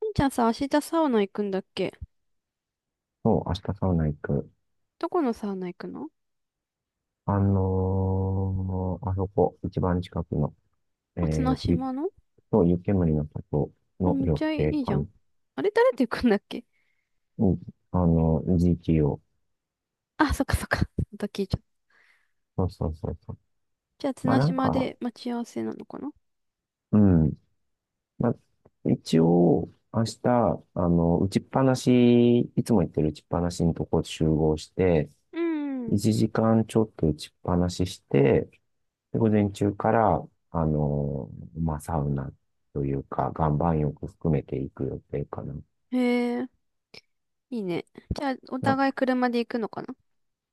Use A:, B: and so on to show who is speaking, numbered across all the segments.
A: しんちゃんさ、明日サウナ行くんだっけ？
B: そう、明日サウナ行く。
A: どこのサウナ行くの？
B: あそこ、一番近くの、
A: あ、綱
B: ビップ
A: 島の。
B: と湯煙の里
A: あ、
B: の
A: めっ
B: 緑
A: ちゃい
B: 景
A: いじゃ
B: 館
A: ん。あれ、誰と行くんだっけ？
B: に、あの、GTO。
A: あ、そっかそっか。また聞いちゃった。
B: そうそうそうそう。
A: じゃあ、
B: まあ
A: 綱
B: なん
A: 島
B: か、
A: で待ち合わせなのかな？
B: うん。まあ、一応、明日、あの、打ちっぱなし、いつも行ってる打ちっぱなしのとこ集合して、
A: うん。
B: 1時間ちょっと打ちっぱなしして、で午前中から、あのマまあ、サウナというか、岩盤浴含めていく予定かな。
A: へえ、いいね。じゃあ、お
B: な、
A: 互い車で行くのかな？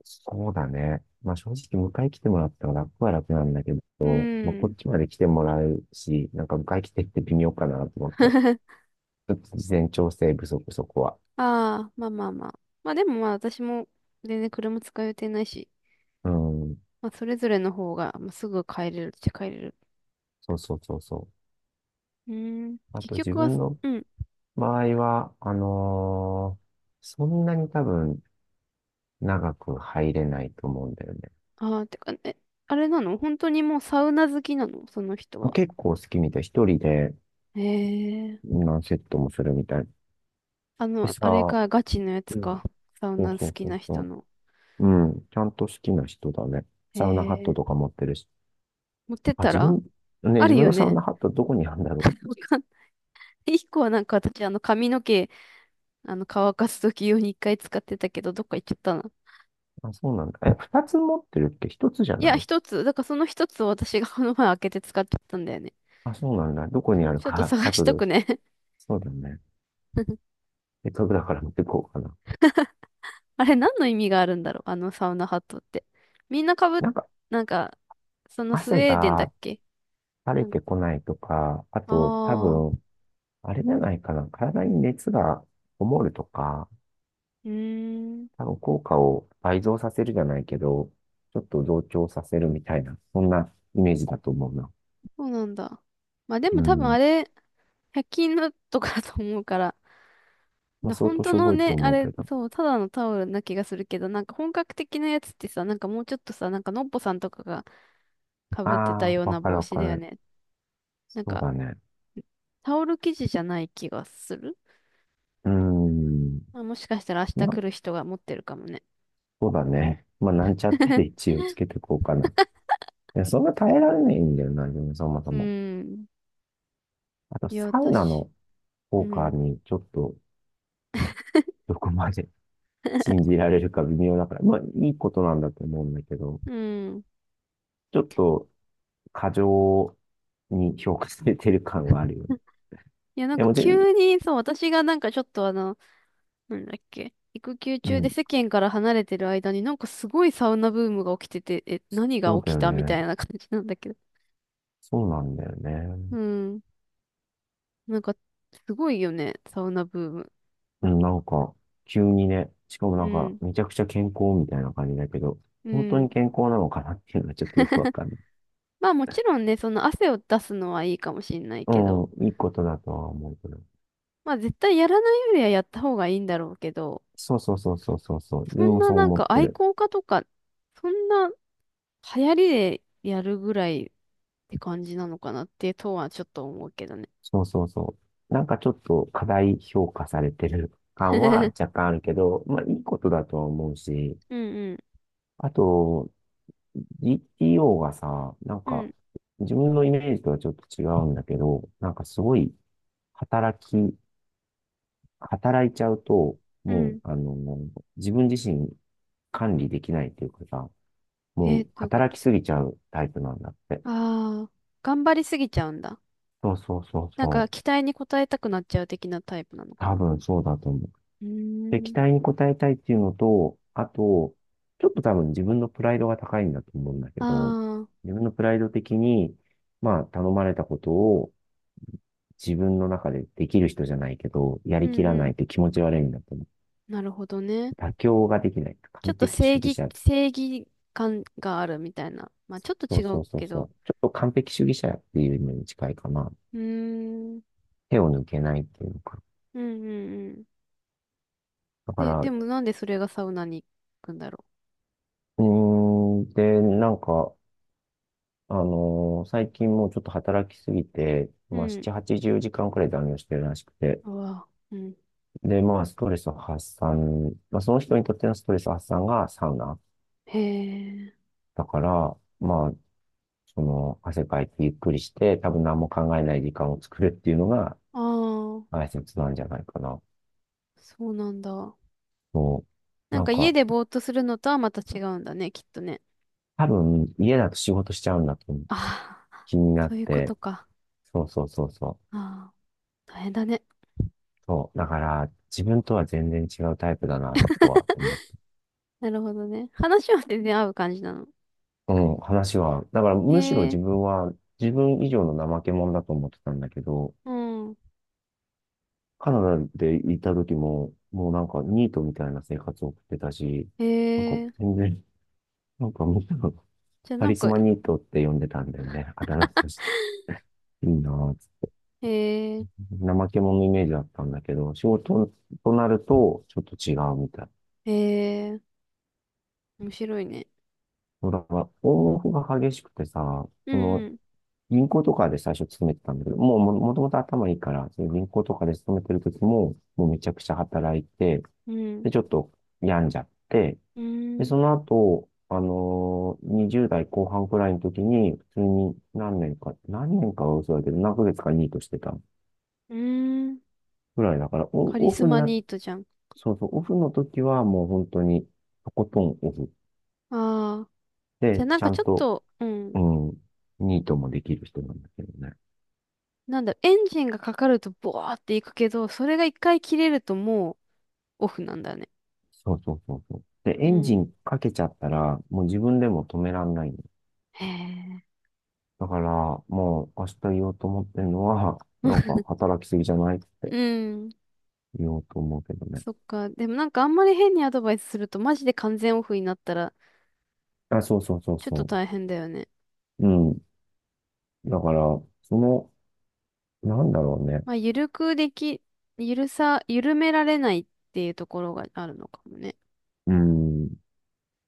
B: そうだね。まあ、正直、迎え来てもらったら楽は楽なんだけ
A: う
B: ど、まあ、こ
A: ん。
B: っちまで来てもらうし、なんか迎え来てって微妙かなと思って。ちょっと事前調整不足、そこは。
A: ああ、まあまあまあ。まあでもまあ、私も全然車使う予定ないし、
B: うん。
A: まあ、それぞれの方が、まあ、すぐ帰れるっちゃ帰れる。
B: そうそうそうそ
A: うん。
B: う。あ
A: 結
B: と自
A: 局は。
B: 分の
A: うん。
B: 場合は、そんなに多分長く入れないと思うんだよね。
A: ああ、てか、え、あれなの？本当にもうサウナ好きなの、その人は？
B: 結構好きみたい。一人で、
A: へえ。
B: 何セットもするみたい。で
A: あれ
B: さ、
A: か、ガチのやつ
B: うん。
A: か。サウ
B: そう
A: ナ好
B: そう
A: き
B: そ
A: な
B: う
A: 人
B: そ
A: の。
B: う。うん。ちゃんと好きな人だね。
A: へ
B: サウナハットと
A: え。
B: か持ってるし。
A: 持ってっ
B: あ、
A: た
B: 自
A: ら？
B: 分、ね、
A: あ
B: 自
A: る
B: 分
A: よ
B: のサウ
A: ね。
B: ナハットどこにあるんだろ
A: わかんない。一個はなんか私、髪の毛、乾かすとき用に一回使ってたけど、どっか行っちゃったな。
B: う。あ、そうなんだ。え、二つ持ってるっけ一つじゃ
A: いや、
B: ない？
A: 一つ。だからその一つを私がこの前開けて使っちゃったんだよね。
B: あ、そうなんだ。どこに
A: そ
B: あ
A: う
B: る
A: ちょっと
B: か
A: 探し
B: 後で
A: と
B: 教え。
A: くね。
B: そうだね。せっかくだから持ってこうかな。
A: あれ何の意味があるんだろう、あのサウナハットって。みんなかぶっ、
B: なんか、
A: なんか、そのスウ
B: 汗
A: ェーデンだっ
B: が
A: け？
B: 垂
A: な
B: れ
A: んか、
B: てこないとか、あと、多
A: ああー、
B: 分、あれじゃないかな。体に熱がこもるとか、
A: うーん、
B: 多分効果を倍増させるじゃないけど、ちょっと増長させるみたいな、そんなイメージだと思うな。
A: そうなんだ。まあで
B: う
A: も多分あ
B: ん。
A: れ、100均のとかだと思うから、
B: まあ、
A: な、
B: 相
A: 本
B: 当
A: 当
B: しょ
A: の
B: ぼいと
A: ね、あ
B: 思う
A: れ、
B: けど。
A: そう、ただのタオルな気がするけど、なんか本格的なやつってさ、なんかもうちょっとさ、なんかのっぽさんとかがかぶってた
B: ああ、
A: よう
B: わ
A: な
B: かる
A: 帽
B: わ
A: 子
B: か
A: だよ
B: る。
A: ね。なん
B: そう
A: か、
B: だね。
A: タオル生地じゃない気がする。
B: うーん。
A: まあ、もしかしたら明日
B: まあ、
A: 来る人が持ってるかもね。
B: そうだね。まあ、なんちゃってで 一応つけてこうかな。いや、そんな耐えられないんだよな、自分そもそ
A: う
B: も。
A: ーん。
B: あと、
A: いや、
B: サウナ
A: 私、
B: の
A: う
B: 効果
A: ん、
B: にちょっと、どこまで信じられるか微妙だから。まあ、いいことなんだと思うんだけど、
A: うん。
B: ちょっと、過剰に評価されてる感があるよね。い
A: いや、なん
B: や、
A: か
B: もちろん、
A: 急に、そう、私がなんかちょっとなんだっけ、育休
B: う
A: 中で
B: ん、
A: 世間から離れてる間になんかすごいサウナブームが起きてて、え、何が
B: そうだ
A: 起き
B: よ
A: たみた
B: ね。
A: いな感じなんだけど。
B: そうなんだよね。
A: うん。なんか、すごいよね、サウナブーム。
B: うん、なんか、急にね、しかもな
A: う
B: んか、
A: ん。
B: めちゃくちゃ健康みたいな感じだけど、
A: う
B: 本当に
A: ん。
B: 健康なのかなっていうのはちょっとよくわかんない。
A: まあもちろんね、その汗を出すのはいいかもしんない
B: う
A: けど、
B: ん、いいことだとは思うけど。
A: まあ絶対やらないよりはやった方がいいんだろうけど、
B: そうそうそうそうそうそう。自
A: そ
B: 分
A: ん
B: も
A: な
B: そう
A: なん
B: 思っ
A: か
B: て
A: 愛
B: る。
A: 好家とか、そんな流行りでやるぐらいって感じなのかなってとはちょっと思うけどね。
B: そうそうそう。なんかちょっと過大評価されてる感は若 干あるけど、まあいいことだとは思うし、
A: うんうん。
B: あと、GTO がさ、なん
A: う
B: か、
A: ん
B: 自分のイメージとはちょっと違うんだけど、なんかすごい働き、働いちゃうと、
A: う
B: もう、
A: ん。
B: あの、自分自身管理できないっていうかさ、も
A: えー、
B: う
A: どういうこ
B: 働
A: と？
B: きすぎちゃうタイプなんだって。
A: ああー、頑張りすぎちゃうんだ。
B: そうそうそう
A: なんか
B: そう。
A: 期待に応えたくなっちゃう的なタイプなのか
B: 多
A: な。
B: 分そうだと思う。
A: う
B: で、
A: ー
B: 期
A: ん。
B: 待に応えたいっていうのと、あと、ちょっと多分自分のプライドが高いんだと思うんだけ
A: あ
B: ど、
A: あ、
B: 自分のプライド的に、まあ、頼まれたことを自分の中でできる人じゃないけど、や
A: うん
B: りきら
A: う
B: ない
A: ん。
B: って気持ち悪いんだと思う。
A: なるほどね。
B: 妥協ができない。
A: ちょ
B: 完
A: っと
B: 璧
A: 正
B: 主義
A: 義、
B: 者。
A: 正義感があるみたいな。まあちょっと
B: そ
A: 違
B: うそ
A: う
B: うそう
A: け
B: そう。
A: ど。
B: ちょっと完璧主義者っていうのに近いかな。
A: うーん。うん
B: 手を抜けないっていうのか。
A: うんうん。
B: だか
A: で、
B: ら、
A: で
B: う
A: もなんでそれがサウナに行くんだろ
B: ーん、で、なんか、最近もうちょっと働きすぎて、
A: う？う
B: まあ、
A: ん。
B: 7、80時間くらい残業してるらしくて。
A: うわ。うん、
B: で、まあ、ストレス発散、まあ、その人にとってのストレス発散がサウナ。
A: へえ。
B: だから、まあ、その、汗かいてゆっくりして、多分何も考えない時間を作るっていうのが
A: ああ、
B: 大切なんじゃないかな。
A: そうなんだ。
B: もう、
A: なん
B: なん
A: か家
B: か、
A: でぼーっとするのとはまた違うんだね、きっとね。
B: 多分家だと仕事しちゃうんだと
A: ああ、
B: 気にな
A: そ
B: っ
A: ういうこ
B: て、
A: とか。
B: そうそうそうそう。
A: ああ、大変だね。
B: そう、だから自分とは全然違うタイプだなとは思って。
A: なるほどね。話は全然合う感じなの？
B: うん、話は。だからむしろ
A: へ
B: 自
A: え、
B: 分は自分以上の怠け者だと思ってたんだけど、
A: うん。
B: カナダでいた時も、もうなんかニートみたいな生活を送ってたし、なんか
A: へえ。
B: 全然、なんかみん
A: じゃあ
B: カ
A: なん
B: リス
A: か、
B: マニートって呼んでたんだよね。あだ名として。いいなぁ。
A: へえ、
B: 怠け者のイメージだったんだけど、仕事となると、ちょっと違うみたい。
A: へえ、面白いね。
B: そうだから、オンオフが激しくてさ、
A: う
B: その、
A: ん
B: 銀行とかで最初勤めてたんだけど、もともと頭いいから、その銀行とかで勤めてる時も、もうめちゃくちゃ働いて、
A: うん、うん、
B: で、ちょっと病んじゃって、
A: うー
B: で、
A: ん、
B: その後、20代後半くらいの時に、普通に何年かは嘘だけど、何ヶ月かニートしてた。
A: うーん。
B: ぐらいだから、
A: カリ
B: オ
A: ス
B: フに
A: マ
B: な、
A: ニートじゃん。
B: そうそう、オフの時はもう本当に、とことんオフ
A: ああ、じゃ
B: で、
A: あなん
B: ちゃ
A: か
B: ん
A: ちょっ
B: と、
A: と、う
B: う
A: ん。
B: ん、ニートもできる人なんだけどね。
A: なんだろう、エンジンがかかるとボワーっていくけど、それが一回切れるともうオフなんだね。
B: そうそうそうそう。で、
A: う
B: エンジ
A: ん。
B: ンかけちゃったら、もう自分でも止めらんないの。
A: へえ。
B: だから、もう明日言おうと思ってるのは、なん か働きすぎじゃないって
A: うん。
B: 言おうと思うけどね。
A: そっか。でもなんかあんまり変にアドバイスするとマジで完全オフになったら
B: あ、そうそうそう
A: ちょっと
B: そ
A: 大変だよね。
B: う。うん。だから、その、なんだろうね。
A: まあ、ゆるくでき、ゆるさ、緩められないっていうところがあるのかもね。
B: うん。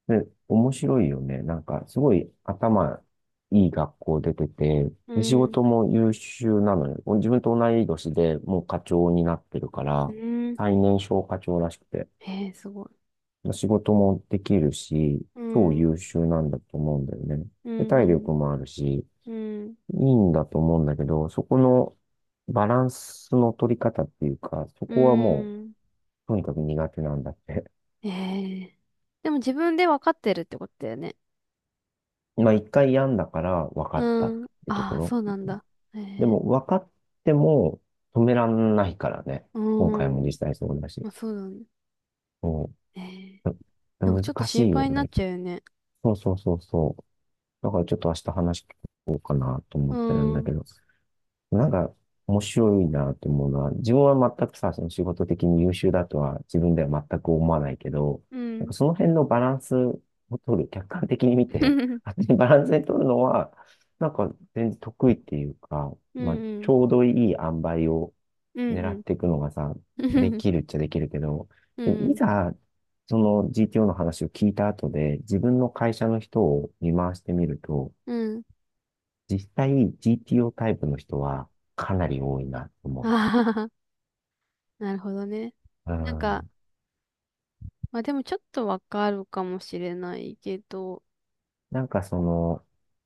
B: で、面白いよね。なんか、すごい頭いい学校出てて、
A: う
B: で、仕
A: ん。
B: 事も優秀なのよ。自分と同い年でもう課長になってるか
A: う
B: ら、
A: ん。
B: 最年少課長らしくて、
A: へえ、すごい。
B: 仕事もできるし、
A: う
B: 超
A: ん。
B: 優秀なんだと思うんだよね。
A: う
B: で、体
A: ん。
B: 力もあるし、い
A: うん。
B: いんだと思うんだけど、そこのバランスの取り方っていうか、そ
A: うん。
B: こはも
A: うん、
B: う、とにかく苦手なんだって。
A: へえ。でも自分で分かってるってことだよね。
B: まあ一回病んだから分かったっ
A: うん。
B: てと
A: あ
B: こ
A: あ、
B: ろ。
A: そうなんだ。え
B: で
A: え。
B: も分かっても止めらんないからね。
A: う
B: 今回も
A: ん。
B: 実際そうだし。
A: まあ、そうだね。
B: うん
A: ええ。なんかちょっと
B: 難し
A: 心
B: いよ
A: 配になっ
B: ね。
A: ちゃうよね。
B: そうそうそうそう。だからちょっと明日話聞こうかなと思っ
A: う
B: てるんだ
A: ん。
B: けど。なんか面白いなって思うのは、自分は全くさ、その仕事的に優秀だとは自分では全く思わないけど、
A: う
B: なんか
A: ん。
B: その辺のバランスを取る、客観的に見て、勝手にバランスで取るのは、なんか全然得意っていうか、
A: うん
B: まあ、
A: う
B: ち
A: ん。
B: ょうどいい塩梅を
A: うん
B: 狙
A: う
B: っ
A: ん。
B: ていくのがさ、で きるっちゃできるけど、
A: うん
B: でも
A: う
B: い
A: ん。
B: ざ、その GTO の話を聞いた後で、自分の会社の人を見回してみると、
A: うん。
B: 実際 GTO タイプの人はかなり多いなと思
A: ああ、なるほどね。
B: う。う
A: なんか、
B: ん。
A: まあでもちょっとわかるかもしれないけど。
B: なんかその、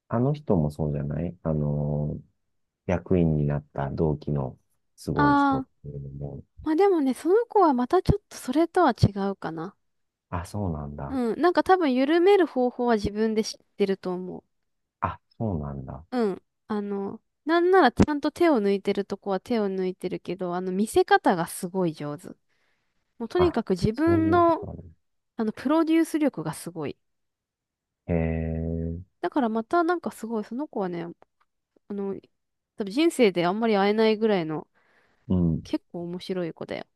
B: あの人もそうじゃないあの、役員になった同期のすごい人っ
A: ああ、
B: ていうのも、
A: まあでもね、その子はまたちょっとそれとは違うかな。
B: あ、そうなんだ。
A: うん。なんか多分緩める方法は自分で知ってると思う。
B: あ、そうなんだ。
A: うん。なんならちゃんと手を抜いてるとこは手を抜いてるけど、見せ方がすごい上手。もうとに
B: あ、
A: かく自
B: そう
A: 分
B: いうこ
A: の、
B: とある。
A: プロデュース力がすごい。
B: へえ、
A: だからまたなんかすごい、その子はね、あの、多分人生であんまり会えないぐらいの
B: うん。
A: 結構面白い子だよ。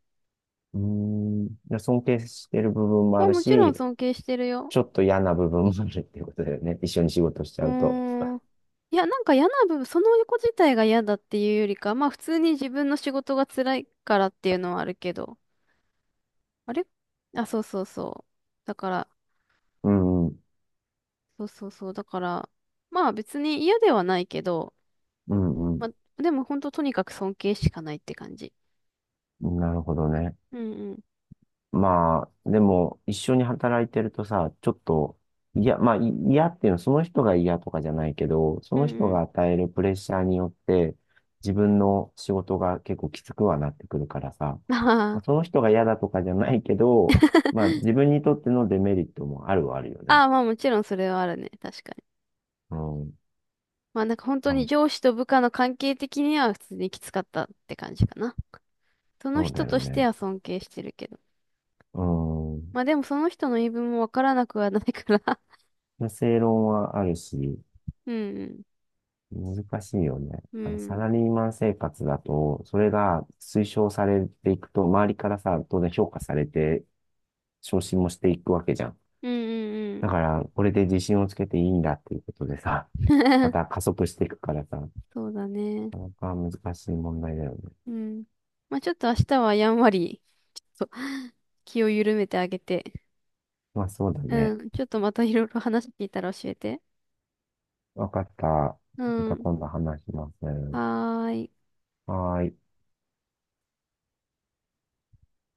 B: うーん。で尊敬してる部分も
A: ま
B: あ
A: あ
B: る
A: もちろん
B: し、
A: 尊敬してるよ。
B: ちょっと嫌な部分もあるっていうことだよね。一緒に仕事しち
A: う
B: ゃうと。
A: ーん。いや、なんか嫌な部分、その子自体が嫌だっていうよりか、まあ普通に自分の仕事が辛いからっていうのはあるけど。あれ、あ、そうそうそう。だから、
B: うん、うん、
A: そうそうそう。だから、まあ別に嫌ではないけど、
B: うん、
A: まあでも本当とにかく尊敬しかないって感じ。
B: うん。なるほどね。
A: うんうん。
B: まあ、でも、一緒に働いてるとさ、ちょっと、いや、まあ、嫌っていうのは、その人が嫌とかじゃないけど、そ
A: うん
B: の
A: う
B: 人
A: ん。
B: が与えるプレッシャーによって、自分の仕事が結構きつくはなってくるからさ、まあ、
A: あ
B: そ
A: あ。
B: の人が嫌だとかじゃないけど、まあ、自分にとってのデメリットもあるはあるよね。
A: ああ、まあもちろんそれはあるね。確かに。
B: うん。
A: まあなんか本当
B: ま
A: に
B: あ、
A: 上司と部下の関係的には普通にきつかったって感じかな。その
B: そうだ
A: 人
B: よ
A: として
B: ね。
A: は尊敬してるけど。
B: うん。
A: まあでもその人の言い分もわからなくはないから。
B: まあ正論はあるし、
A: うん
B: 難しいよね。
A: うん。
B: あの
A: う
B: サ
A: ん。
B: ラリーマン生活だと、それが推奨されていくと、周りからさ、当然評価されて、昇進もしていくわけじゃん。
A: うんう
B: だか
A: ん
B: ら、これで自信をつけていいんだっていうことでさ、
A: う
B: ま
A: ん。
B: た加速していくからさ、
A: そうだね。
B: なかなか難しい問題だよね。
A: うん。まあちょっと明日はやんわり。そう 気を緩めてあげて。
B: まあそうだ
A: う
B: ね。
A: ん。ちょっとまたいろいろ話聞いたら教えて。
B: わかった。
A: う
B: また
A: ん。
B: 今度話します。
A: はーい。
B: はーい。